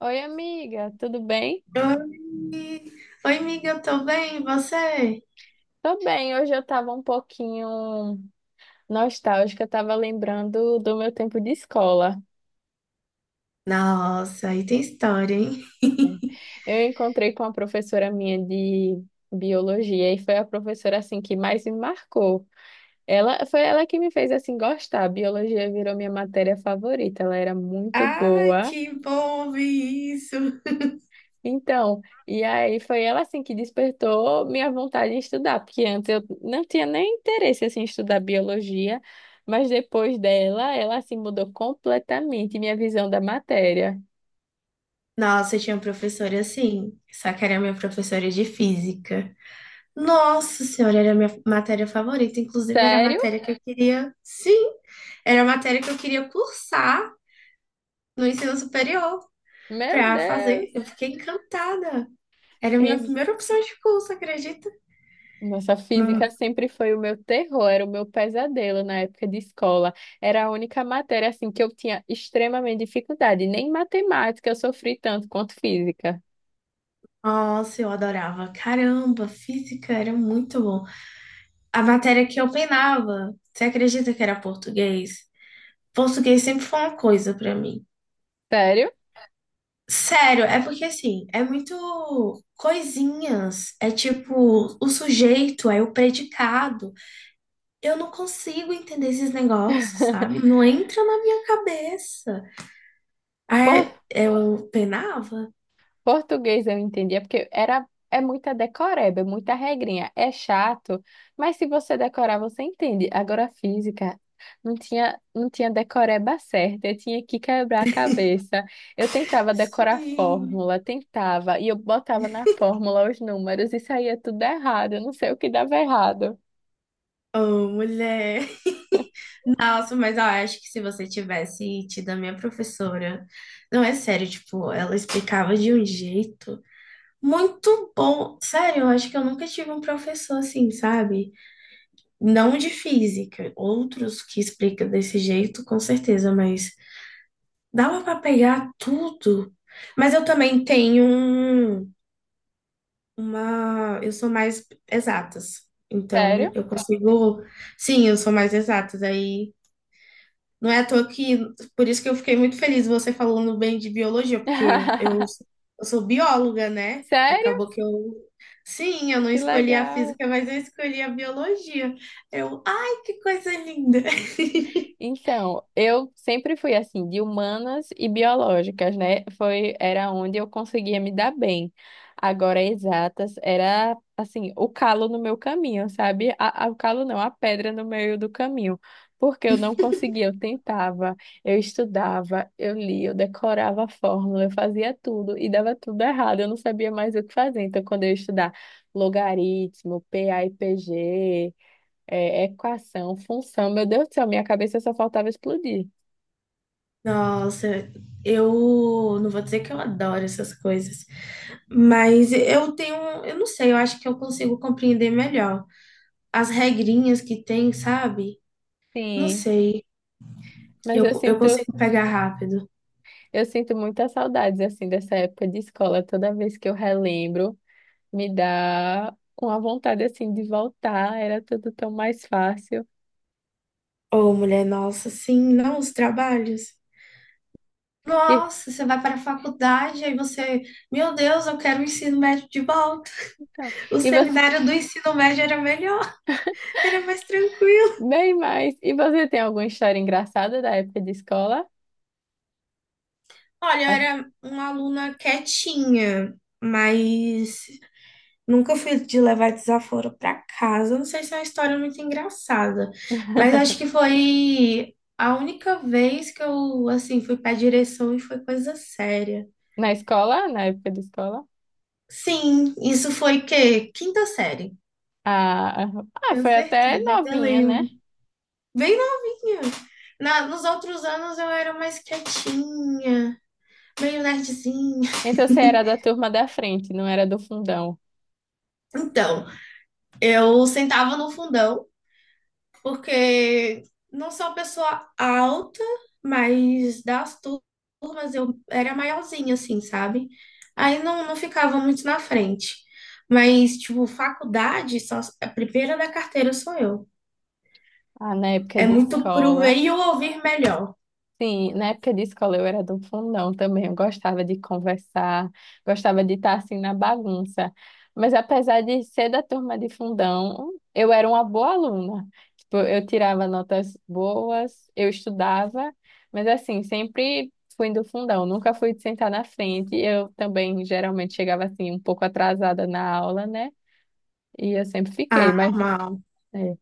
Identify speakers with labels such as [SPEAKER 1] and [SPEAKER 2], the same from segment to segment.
[SPEAKER 1] Oi, amiga, tudo bem?
[SPEAKER 2] Oi, Oi, amiga, eu tô bem, e você?
[SPEAKER 1] Tô bem, hoje eu tava um pouquinho nostálgica, eu tava lembrando do meu tempo de escola.
[SPEAKER 2] Nossa, aí tem história, hein?
[SPEAKER 1] Né? Eu encontrei com uma professora minha de biologia, e foi a professora assim que mais me marcou. Ela foi ela que me fez assim gostar. A biologia virou minha matéria favorita. Ela era muito
[SPEAKER 2] Ai,
[SPEAKER 1] boa.
[SPEAKER 2] que bom ouvir isso.
[SPEAKER 1] Então, e aí foi ela assim que despertou minha vontade em estudar, porque antes eu não tinha nem interesse assim em estudar biologia, mas depois dela, ela assim mudou completamente minha visão da matéria.
[SPEAKER 2] Nossa, eu tinha uma professora assim, só que era minha professora de física. Nossa senhora, era a minha matéria favorita, inclusive era a
[SPEAKER 1] Sério?
[SPEAKER 2] matéria que eu queria, sim, era a matéria que eu queria cursar no ensino superior
[SPEAKER 1] Meu
[SPEAKER 2] pra fazer. Eu
[SPEAKER 1] Deus.
[SPEAKER 2] fiquei encantada. Era a minha
[SPEAKER 1] Fiz...
[SPEAKER 2] primeira opção de curso, acredita?
[SPEAKER 1] Nossa, física sempre foi o meu terror, era o meu pesadelo na época de escola. Era a única matéria assim que eu tinha extremamente dificuldade, nem matemática eu sofri tanto quanto física.
[SPEAKER 2] Nossa, eu adorava. Caramba, física era muito bom. A matéria que eu penava, você acredita que era português? Português sempre foi uma coisa pra mim.
[SPEAKER 1] Sério?
[SPEAKER 2] Sério, é porque assim, é muito coisinhas, é tipo o sujeito, é o predicado. Eu não consigo entender esses negócios, sabe? Não entra na minha cabeça.
[SPEAKER 1] Pô,
[SPEAKER 2] Aí eu penava?
[SPEAKER 1] português eu entendia, porque era, é muita decoreba, é muita regrinha, é chato, mas se você decorar, você entende. Agora, física, não tinha decoreba certa, eu tinha que quebrar a cabeça. Eu tentava decorar
[SPEAKER 2] Sim.
[SPEAKER 1] fórmula, tentava, e eu botava na fórmula os números e saía tudo errado, eu não sei o que dava errado.
[SPEAKER 2] Oh, mulher. Nossa, mas eu acho que se você tivesse tido a minha professora, não é sério, tipo, ela explicava de um jeito muito bom. Sério, eu acho que eu nunca tive um professor assim, sabe? Não de física, outros que explicam desse jeito, com certeza, mas dava pra pegar tudo. Mas eu também tenho um- uma, eu sou mais exatas. Então,
[SPEAKER 1] Sério?
[SPEAKER 2] eu consigo, sim, eu sou mais exatas aí. Não é à toa que, por isso que eu fiquei muito feliz você falando bem de biologia, porque eu, eu, eu sou bióloga, né?
[SPEAKER 1] Sério?
[SPEAKER 2] Acabou que eu, sim, eu não
[SPEAKER 1] Que
[SPEAKER 2] escolhi a
[SPEAKER 1] legal!
[SPEAKER 2] física, mas eu escolhi a biologia. Eu, ai, que coisa linda!
[SPEAKER 1] Então, eu sempre fui assim, de humanas e biológicas, né? Foi, era onde eu conseguia me dar bem. Agora, exatas, era assim, o calo no meu caminho, sabe? O calo não, a pedra no meio do caminho. Porque eu não conseguia, eu tentava, eu estudava, eu lia, eu decorava a fórmula, eu fazia tudo e dava tudo errado, eu não sabia mais o que fazer. Então, quando eu ia estudar logaritmo, P a e p g é, equação, função. Meu Deus do céu, minha cabeça só faltava explodir.
[SPEAKER 2] Nossa, eu não vou dizer que eu adoro essas coisas, mas eu tenho, um, eu não sei, eu acho que eu consigo compreender melhor as regrinhas que tem, sabe? Não
[SPEAKER 1] Sim,
[SPEAKER 2] sei,
[SPEAKER 1] mas eu
[SPEAKER 2] eu
[SPEAKER 1] sinto,
[SPEAKER 2] consigo pegar rápido.
[SPEAKER 1] eu sinto muitas saudades assim dessa época de escola. Toda vez que eu relembro, me dá uma vontade assim de voltar. Era tudo tão mais fácil.
[SPEAKER 2] Ô, mulher, nossa, sim, não, os trabalhos.
[SPEAKER 1] E,
[SPEAKER 2] Nossa, você vai para a faculdade, aí você, meu Deus, eu quero o ensino médio de volta.
[SPEAKER 1] então,
[SPEAKER 2] O
[SPEAKER 1] e você,
[SPEAKER 2] seminário do ensino médio era melhor, era mais tranquilo.
[SPEAKER 1] bem mais. E você tem alguma história engraçada da época de escola?
[SPEAKER 2] Olha, eu
[SPEAKER 1] As-
[SPEAKER 2] era uma aluna quietinha, mas nunca fui de levar desaforo pra casa. Não sei se é uma história muito engraçada, mas acho que foi a única vez que eu, assim, fui pra direção e foi coisa séria.
[SPEAKER 1] Na escola, na época de escola?
[SPEAKER 2] Sim, isso foi quê? Quinta série.
[SPEAKER 1] Ah, ah,
[SPEAKER 2] Tenho
[SPEAKER 1] foi até
[SPEAKER 2] certeza, ainda
[SPEAKER 1] novinha, né?
[SPEAKER 2] lembro. Bem novinha. Na, nos outros anos eu era mais quietinha, meio nerdzinha.
[SPEAKER 1] Então você era da turma da frente, não era do fundão.
[SPEAKER 2] Então, eu sentava no fundão porque não sou uma pessoa alta, mas das turmas eu era maiorzinha, assim, sabe? Aí não, não ficava muito na frente. Mas, tipo, faculdade, só, a primeira da carteira sou eu.
[SPEAKER 1] Ah, na época
[SPEAKER 2] É
[SPEAKER 1] de
[SPEAKER 2] muito pro ver
[SPEAKER 1] escola.
[SPEAKER 2] e o ouvir melhor.
[SPEAKER 1] Sim, na época de escola eu era do fundão também. Eu gostava de conversar, gostava de estar assim na bagunça. Mas apesar de ser da turma de fundão, eu era uma boa aluna. Tipo, eu tirava notas boas, eu estudava, mas assim, sempre fui do fundão, nunca fui de sentar na frente. Eu também geralmente chegava assim um pouco atrasada na aula, né? E eu sempre fiquei,
[SPEAKER 2] Ah,
[SPEAKER 1] mas
[SPEAKER 2] normal.
[SPEAKER 1] é.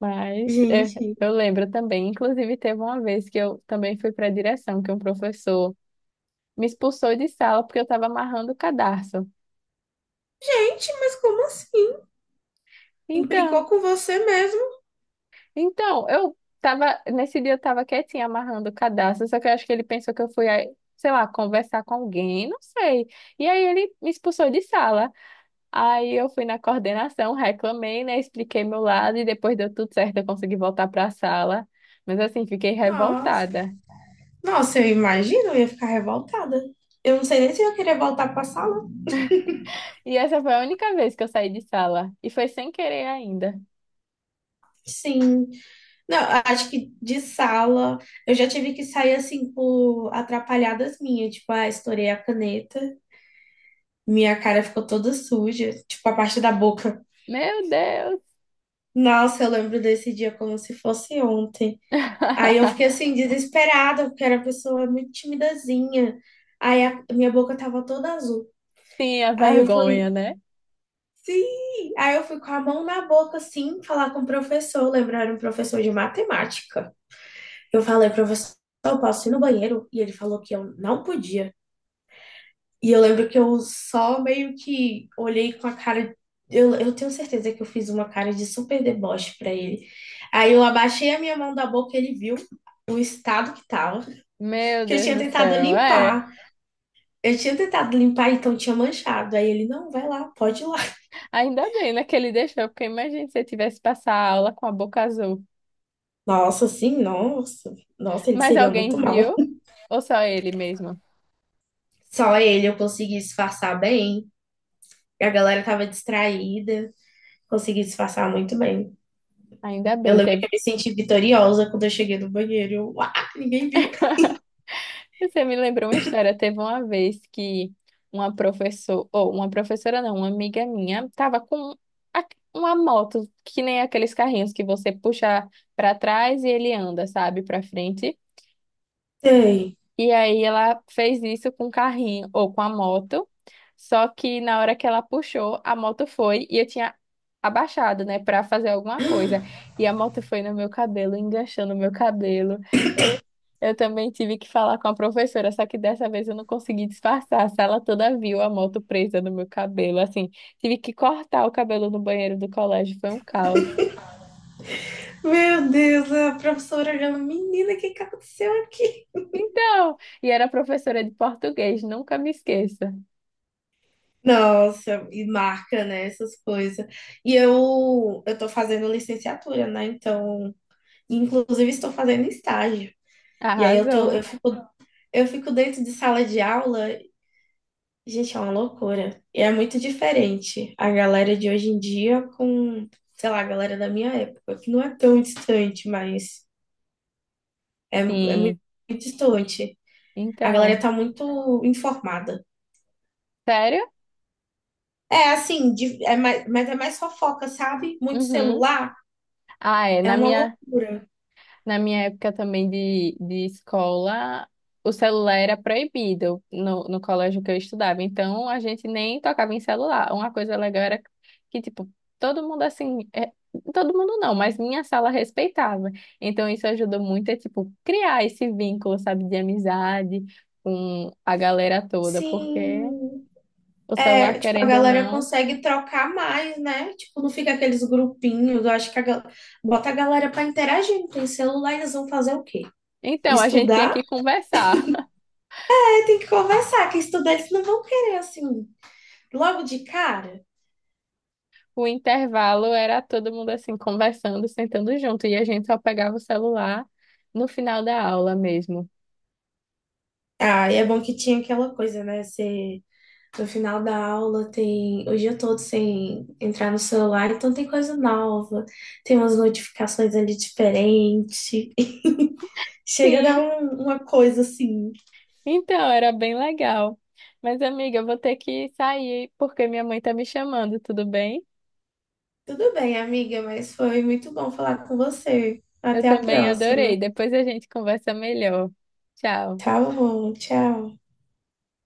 [SPEAKER 1] Mas é,
[SPEAKER 2] Gente,
[SPEAKER 1] eu lembro também, inclusive teve uma vez que eu também fui para a direção, que um professor me expulsou de sala porque eu estava amarrando o cadarço.
[SPEAKER 2] gente, mas como assim? Implicou
[SPEAKER 1] Então,
[SPEAKER 2] com você mesmo?
[SPEAKER 1] então, eu tava, nesse dia eu estava quietinha amarrando o cadarço, só que eu acho que ele pensou que eu fui, aí, sei lá, conversar com alguém, não sei. E aí ele me expulsou de sala. Aí eu fui na coordenação, reclamei, né, expliquei meu lado e depois deu tudo certo, eu consegui voltar para a sala. Mas assim, fiquei
[SPEAKER 2] Nossa,
[SPEAKER 1] revoltada.
[SPEAKER 2] nossa, eu imagino, eu ia ficar revoltada. Eu não sei nem se eu ia querer voltar pra sala.
[SPEAKER 1] E essa foi a única vez que eu saí de sala. E foi sem querer ainda.
[SPEAKER 2] Sim. Não, acho que de sala eu já tive que sair assim por atrapalhadas minhas, tipo, ah, estourei a caneta, minha cara ficou toda suja, tipo, a parte da boca.
[SPEAKER 1] Meu Deus!
[SPEAKER 2] Nossa, eu lembro desse dia como se fosse ontem. Aí eu fiquei assim desesperada, porque era uma pessoa muito timidazinha. Aí a minha boca tava toda azul.
[SPEAKER 1] Tinha
[SPEAKER 2] Aí eu fui,
[SPEAKER 1] vergonha, né?
[SPEAKER 2] sim! Aí eu fui com a mão na boca assim, falar com o professor, lembrar um professor de matemática. Eu falei, professor, eu posso ir no banheiro? E ele falou que eu não podia. E eu lembro que eu só meio que olhei com a cara. Eu tenho certeza que eu fiz uma cara de super deboche pra ele. Aí eu abaixei a minha mão da boca e ele viu o estado que tava.
[SPEAKER 1] Meu
[SPEAKER 2] Porque eu
[SPEAKER 1] Deus
[SPEAKER 2] tinha
[SPEAKER 1] do
[SPEAKER 2] tentado
[SPEAKER 1] céu, é.
[SPEAKER 2] limpar. Eu tinha tentado limpar, então tinha manchado. Aí ele, não, vai lá, pode ir lá.
[SPEAKER 1] Ainda bem, né, que ele deixou, porque imagina se eu tivesse passar a aula com a boca azul.
[SPEAKER 2] Nossa, sim, nossa. Nossa, ele
[SPEAKER 1] Mas
[SPEAKER 2] seria
[SPEAKER 1] alguém
[SPEAKER 2] muito mal.
[SPEAKER 1] viu? Ou só ele mesmo?
[SPEAKER 2] Só ele eu consegui disfarçar bem. A galera tava distraída. Consegui disfarçar muito bem.
[SPEAKER 1] Ainda
[SPEAKER 2] Eu
[SPEAKER 1] bem,
[SPEAKER 2] lembro que
[SPEAKER 1] teve.
[SPEAKER 2] eu me senti vitoriosa quando eu cheguei no banheiro. Eu, uá, ninguém viu.
[SPEAKER 1] Você me lembrou uma história. Teve uma vez que uma professora, ou uma professora não, uma amiga minha, estava com a- uma moto, que nem aqueles carrinhos que você puxa para trás e ele anda, sabe, para frente.
[SPEAKER 2] Sei.
[SPEAKER 1] E aí ela fez isso com o carrinho ou com a moto. Só que na hora que ela puxou, a moto foi e eu tinha abaixado, né, para fazer alguma coisa. E a moto foi no meu cabelo, enganchou no meu cabelo. Eu, eu também tive que falar com a professora, só que dessa vez eu não consegui disfarçar. A sala toda viu a moto presa no meu cabelo, assim. Tive que cortar o cabelo no banheiro do colégio, foi um caos.
[SPEAKER 2] Meu Deus, a professora olhando, menina, o que que aconteceu aqui?
[SPEAKER 1] Então, e era professora de português, nunca me esqueça.
[SPEAKER 2] Nossa, e marca, né, essas coisas. Eu tô fazendo licenciatura, né? Então, inclusive estou fazendo estágio. E aí eu tô,
[SPEAKER 1] Arrasou.
[SPEAKER 2] eu fico dentro de sala de aula. Gente, é uma loucura. E é muito diferente a galera de hoje em dia com, sei lá, a galera da minha época, que não é tão distante, mas é muito,
[SPEAKER 1] Sim.
[SPEAKER 2] muito distante. A galera
[SPEAKER 1] Então,
[SPEAKER 2] tá muito informada.
[SPEAKER 1] sério?
[SPEAKER 2] É assim, de- é mais, mas é mais fofoca, sabe? Muito
[SPEAKER 1] Uhum.
[SPEAKER 2] celular,
[SPEAKER 1] Ah, é.
[SPEAKER 2] é
[SPEAKER 1] Na
[SPEAKER 2] uma
[SPEAKER 1] minha,
[SPEAKER 2] loucura.
[SPEAKER 1] na minha época também de escola, o celular era proibido no colégio que eu estudava. Então, a gente nem tocava em celular. Uma coisa legal era que, tipo, todo mundo assim. É, todo mundo não, mas minha sala respeitava. Então, isso ajudou muito a, tipo, criar esse vínculo, sabe, de amizade com a galera toda, porque
[SPEAKER 2] Sim,
[SPEAKER 1] o celular,
[SPEAKER 2] é, tipo, a
[SPEAKER 1] querendo ou
[SPEAKER 2] galera
[SPEAKER 1] não.
[SPEAKER 2] consegue trocar mais, né? Tipo, não fica aqueles grupinhos. Eu acho que a, gal- bota a galera pra interagir. Não tem celular, eles vão fazer o quê?
[SPEAKER 1] Então, a gente tinha
[SPEAKER 2] Estudar?
[SPEAKER 1] que conversar.
[SPEAKER 2] Tem que conversar, que estudantes não vão querer, assim, logo de cara.
[SPEAKER 1] O intervalo era todo mundo assim, conversando, sentando junto, e a gente só pegava o celular no final da aula mesmo.
[SPEAKER 2] Ah, e é bom que tinha aquela coisa, né? Você, no final da aula, tem o dia todo sem entrar no celular, então tem coisa nova, tem umas notificações ali diferentes. Chega a dar
[SPEAKER 1] Sim,
[SPEAKER 2] um- uma coisa assim.
[SPEAKER 1] então era bem legal. Mas, amiga, eu vou ter que sair porque minha mãe tá me chamando, tudo bem?
[SPEAKER 2] Tudo bem, amiga, mas foi muito bom falar com você.
[SPEAKER 1] Eu
[SPEAKER 2] Até a
[SPEAKER 1] também
[SPEAKER 2] próxima.
[SPEAKER 1] adorei. Depois a gente conversa melhor. Tchau.
[SPEAKER 2] Tá bom, tchau.